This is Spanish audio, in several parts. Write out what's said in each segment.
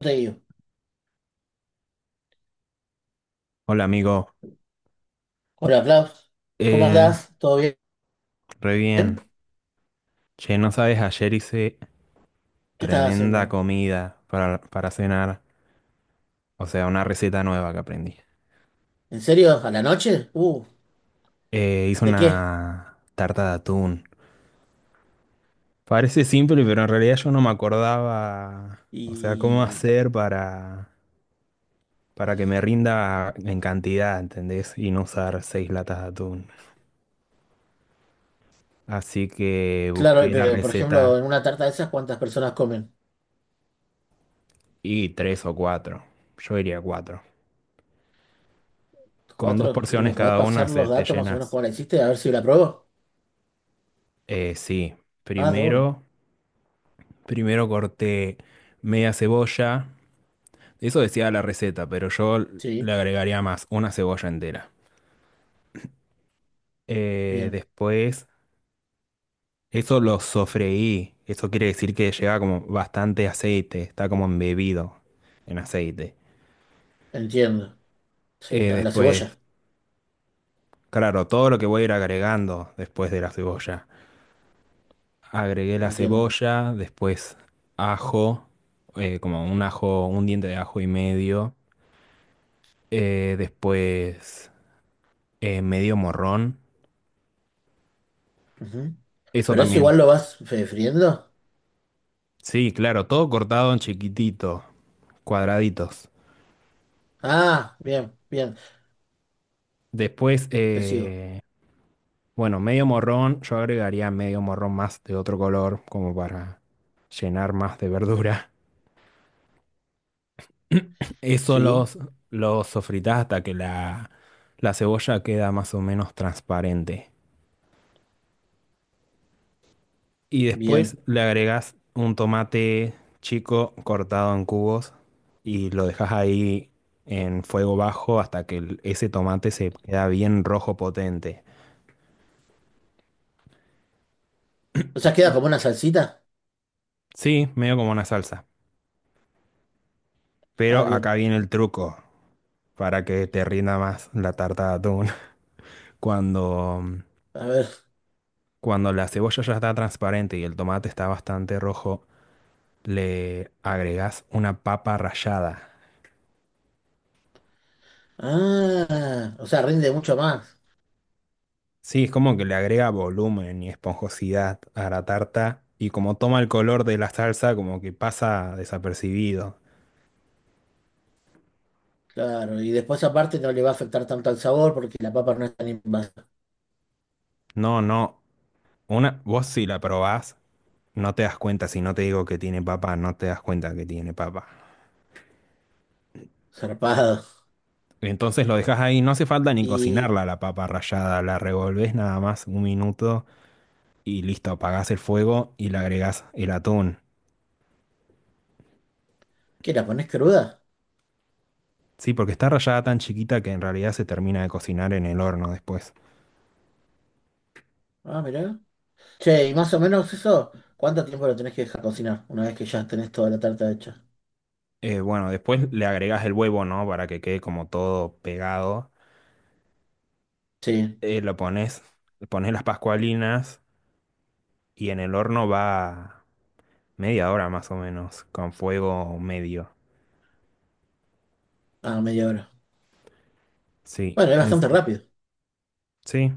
Te digo. Hola amigo, Hola, Flav. ¿Cómo eh, andás? ¿Todo bien? re ¿Qué bien. Che, no sabes, ayer hice estás tremenda haciendo? comida para cenar, o sea, una receta nueva que aprendí. ¿En serio? ¿A la noche? Hice ¿De qué? una tarta de atún. Parece simple, pero en realidad yo no me acordaba, o sea, cómo Y hacer para que me rinda en cantidad, ¿entendés? Y no usar seis latas de atún. Así que claro, busqué la pero por ejemplo, receta en una tarta de esas, ¿cuántas personas comen? y tres o cuatro. Yo diría cuatro. Con dos ¿Cuatro? ¿Y me porciones podés cada una pasar se los te datos más o menos llenas. cómo la hiciste? A ver si la pruebo. Sí, Ah, de una. primero, primero corté media cebolla. Eso decía la receta, pero yo le Sí, agregaría más, una cebolla entera. Bien. Después, eso lo sofreí. Eso quiere decir que lleva como bastante aceite, está como embebido en aceite. Entiendo. Sí, a la Después, cebolla. claro, todo lo que voy a ir agregando después de la cebolla. Agregué la Entiendo. cebolla, después ajo, como un ajo, un diente de ajo y medio. Después, medio morrón. Ujú. Eso Pero eso también. igual lo vas friendo. Sí, claro, todo cortado en chiquitito, cuadraditos. Ah, bien, bien. Después, Te sigo. Bueno, medio morrón. Yo agregaría medio morrón más de otro color, como para llenar más de verdura. Eso Sí, los sofritás hasta que la cebolla queda más o menos transparente. Y después bien. le agregás un tomate chico cortado en cubos y lo dejas ahí en fuego bajo hasta que ese tomate se queda bien rojo potente. O sea, queda como una salsita. Sí, medio como una salsa. Ah, Pero acá bien. viene el truco para que te rinda más la tarta de atún. Cuando, A ver. cuando la cebolla ya está transparente y el tomate está bastante rojo, le agregás una papa rallada. Ah, o sea, rinde mucho más. Sí, es como que le agrega volumen y esponjosidad a la tarta y como toma el color de la salsa como que pasa desapercibido. Claro, y después aparte no le va a afectar tanto al sabor porque la papa no es tan invasiva. No, no, vos si la probás no te das cuenta, si no te digo que tiene papa, no te das cuenta que tiene papa. Zarpado. Entonces lo dejas ahí, no hace falta ni ¿Y cocinarla la papa rallada, la revolvés nada más un minuto y listo, apagás el fuego y le agregás el atún. qué, la ponés cruda? Sí, porque está rallada tan chiquita que en realidad se termina de cocinar en el horno después. Ah, mirá. Che, y más o menos eso, ¿cuánto tiempo lo tenés que dejar cocinar una vez que ya tenés toda la tarta hecha? Bueno, después le agregas el huevo, ¿no? Para que quede como todo pegado. Sí, Lo pones, le pones las pascualinas y en el horno va media hora más o menos, con fuego medio. ah, media hora. Sí, Bueno, es bastante rápido. sí.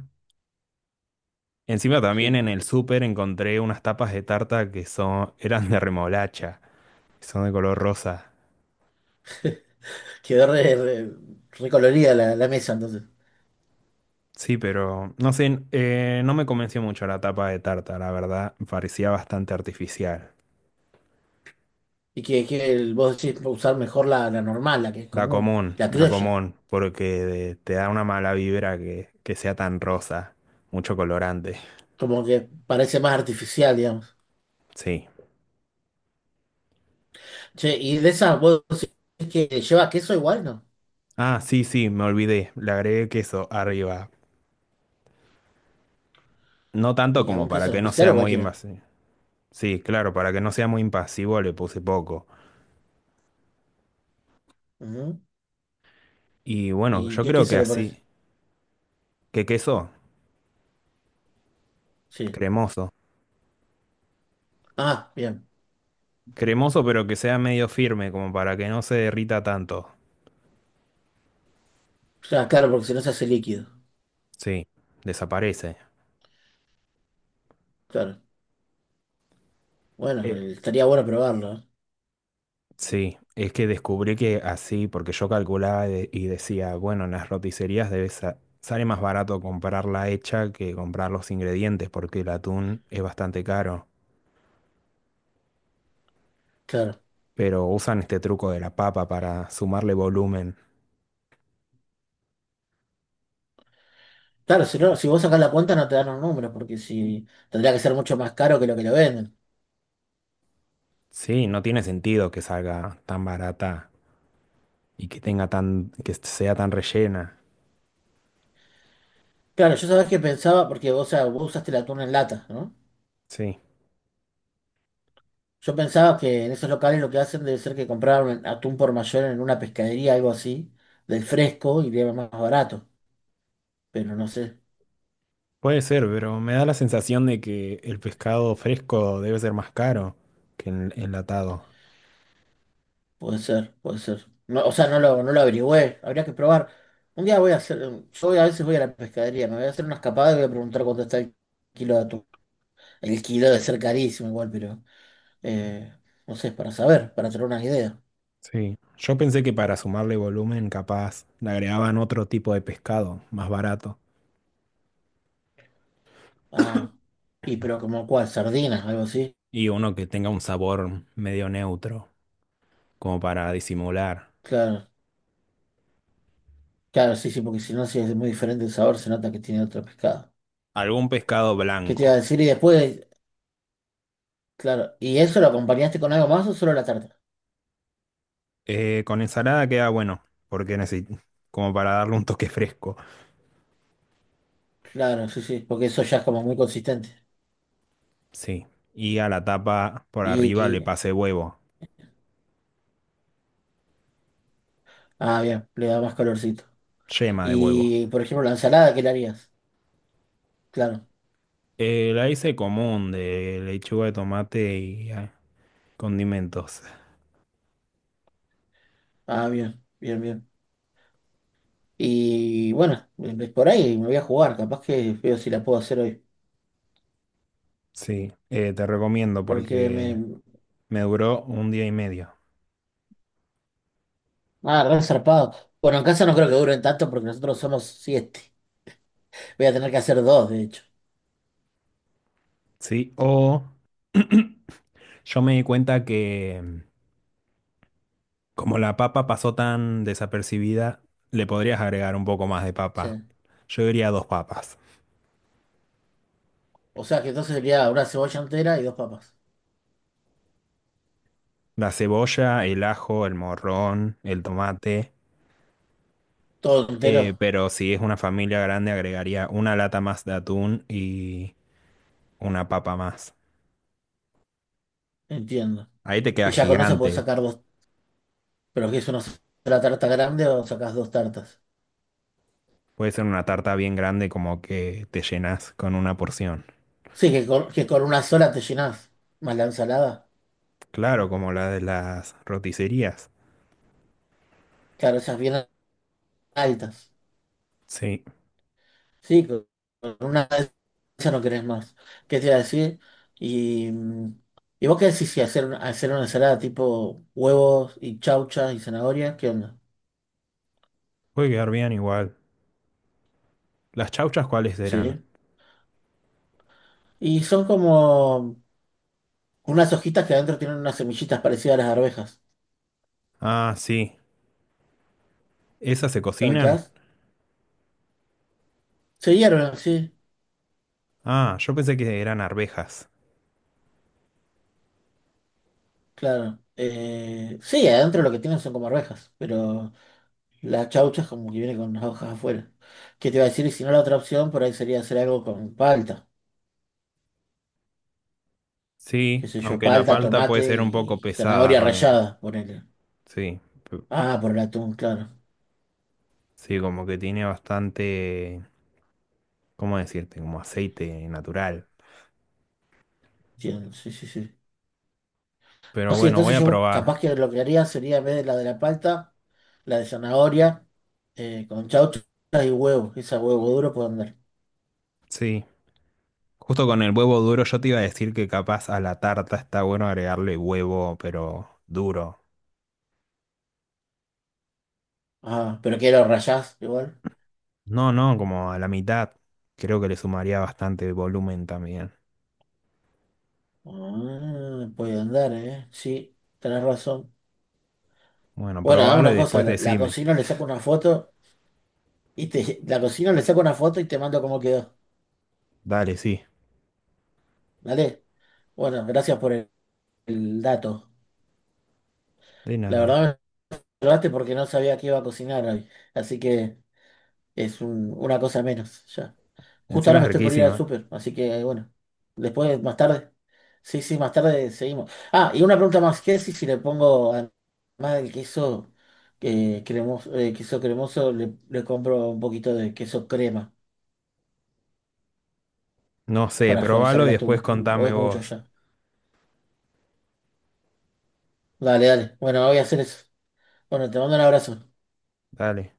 Encima también Sí. en el súper encontré unas tapas de tarta que son, eran de remolacha, que son de color rosa. Quedó recolorida la mesa entonces. Sí, pero no sé, no me convenció mucho la tapa de tarta, la verdad, parecía bastante artificial. Y que vos decís usar mejor la normal, la que es común, la La criolla. común, porque te da una mala vibra que sea tan rosa, mucho colorante. Como que parece más artificial, digamos. Sí. Che, y de esas vos decís que lleva queso igual, ¿no? Ah, sí, sí, me olvidé, le agregué queso arriba. No tanto Y como algún para queso en que no especial sea o muy cualquiera. invasivo. Sí, claro, para que no sea muy impasivo le puse poco. Ujú. Y bueno, ¿Y yo qué creo que queso le pones? así, ¿que queso? Sí. Cremoso. Ah, bien. Cremoso pero que sea medio firme, como para que no se derrita tanto. Ah, claro, porque si no se hace líquido. Sí, desaparece. Claro. Bueno, Eh, estaría bueno probarlo, ¿eh? Sí, es que descubrí que así, porque yo calculaba y decía, bueno, en las roticerías debe sale más barato comprarla hecha que comprar los ingredientes, porque el atún es bastante caro. Claro. Pero usan este truco de la papa para sumarle volumen. Claro, si no, si vos sacás la cuenta no te dan los números, porque si tendría que ser mucho más caro que lo venden. Sí, no tiene sentido que salga tan barata y que tenga tan, que sea tan rellena. Claro, yo sabés que pensaba, porque vos, o sea, vos usaste el atún en lata, ¿no? Sí, Yo pensaba que en esos locales lo que hacen debe ser que compraron atún por mayor en una pescadería, algo así, del fresco y de más barato. Pero no sé, puede ser, pero me da la sensación de que el pescado fresco debe ser más caro que el enlatado. puede ser, puede ser. No, o sea, no lo averigüé, habría que probar. Un día voy a hacer, yo a veces voy a la pescadería, me voy a hacer una escapada y voy a preguntar cuánto está el kilo de atún. El kilo debe ser carísimo igual, pero eh, no sé, para saber, para tener una idea. Sí, yo pensé que para sumarle volumen, capaz le agregaban otro tipo de pescado, más barato, Ah, y pero como cuál, sardinas, algo así. y uno que tenga un sabor medio neutro, como para disimular. Claro, claro, sí, sí, porque si no, si es muy diferente el sabor, se nota que tiene otro pescado. Algún pescado ¿Qué te iba a blanco. decir? Y después, claro, ¿y eso lo acompañaste con algo más o solo la tarta? Con ensalada queda bueno, porque necesito, como para darle un toque fresco. Claro, sí, sí, porque eso ya es como muy consistente. Sí, y a la tapa por arriba le Y pasé huevo, ah, bien, le da más colorcito. yema de huevo. Y, por ejemplo, la ensalada, ¿qué le harías? Claro. La hice común de lechuga de tomate y condimentos. Ah, bien, bien, bien. Y bueno, por ahí me voy a jugar, capaz que veo si la puedo hacer hoy. Sí, te recomiendo Porque porque me... me duró un día y medio. Ah, re zarpado. Bueno, en casa no creo que duren tanto porque nosotros somos siete. Voy a tener que hacer dos, de hecho. Sí, o yo me di cuenta que como la papa pasó tan desapercibida, le podrías agregar un poco más de Sí. papa. Yo diría dos papas. O sea que entonces sería una cebolla entera y dos papas. La cebolla, el ajo, el morrón, el tomate. Todo entero, Pero si es una familia grande, agregaría una lata más de atún y una papa más. entiendo. Ahí te queda Y ya con eso puedo gigante. sacar dos. Pero que es una sola tarta grande o sacás dos tartas. Puede ser una tarta bien grande como que te llenas con una porción. Sí, que con una sola te llenás, más la ensalada. Claro, como la de las roticerías. Claro, esas bien altas. Sí, Sí, con una de esas no querés más. ¿Qué te iba a decir? Y, mm, ¿y vos qué decís si hacer, hacer una ensalada tipo huevos y chauchas y zanahorias? ¿Qué onda? puede quedar bien igual. ¿Las chauchas cuáles eran? Sí. Y son como unas hojitas que adentro tienen unas semillitas parecidas a las arvejas. Ah, sí. ¿Esas se ¿Lo cocinan? ubicás? Se hierven, sí, Ah, yo pensé que eran arvejas. claro. Sí, adentro lo que tienen son como arvejas, pero... las chauchas como que viene con las hojas afuera. ¿Qué te iba a decir? Y si no, la otra opción por ahí sería hacer algo con palta. Qué Sí, sé yo, aunque la palta, palta puede tomate ser un poco y pesada zanahoria rallada, ponele. Sí, p- Ah, por el atún, claro. sí, como que tiene bastante. ¿Cómo decirte? Como aceite natural. Entiendo, sí, sí, sí. Pero No, sí, bueno, voy entonces a yo probar. capaz que lo que haría sería en vez de la palta, la de zanahoria, con chauchas y huevo. Esa huevo duro puede andar. Sí. Justo con el huevo duro, yo te iba a decir que capaz a la tarta está bueno agregarle huevo, pero duro. Ah, pero que lo rallás igual. No, no, como a la mitad. Creo que le sumaría bastante volumen también. Ah, puede andar, ¿eh? Sí, tenés razón. Bueno, Bueno, hagamos probalo y una cosa, después la decime. cocino, le saco una foto. Y te, la cocino, le saco una foto y te mando cómo quedó. Dale, sí. ¿Vale? Bueno, gracias por el dato. De La nada. verdad me ayudaste porque no sabía qué iba a cocinar hoy. Así que es una cosa menos ya. Justo Encima ahora es me estoy por ir al riquísima. súper, así que bueno. Después, más tarde. Sí, sí, más tarde seguimos. Ah, y una pregunta más. ¿Qué decís si le pongo, además del queso queso cremoso, le compro un poquito de queso crema No sé, para suavizar probalo el y después atún? ¿O contame es mucho vos. ya? Dale, dale. Bueno, voy a hacer eso. Bueno, te mando un abrazo. Dale.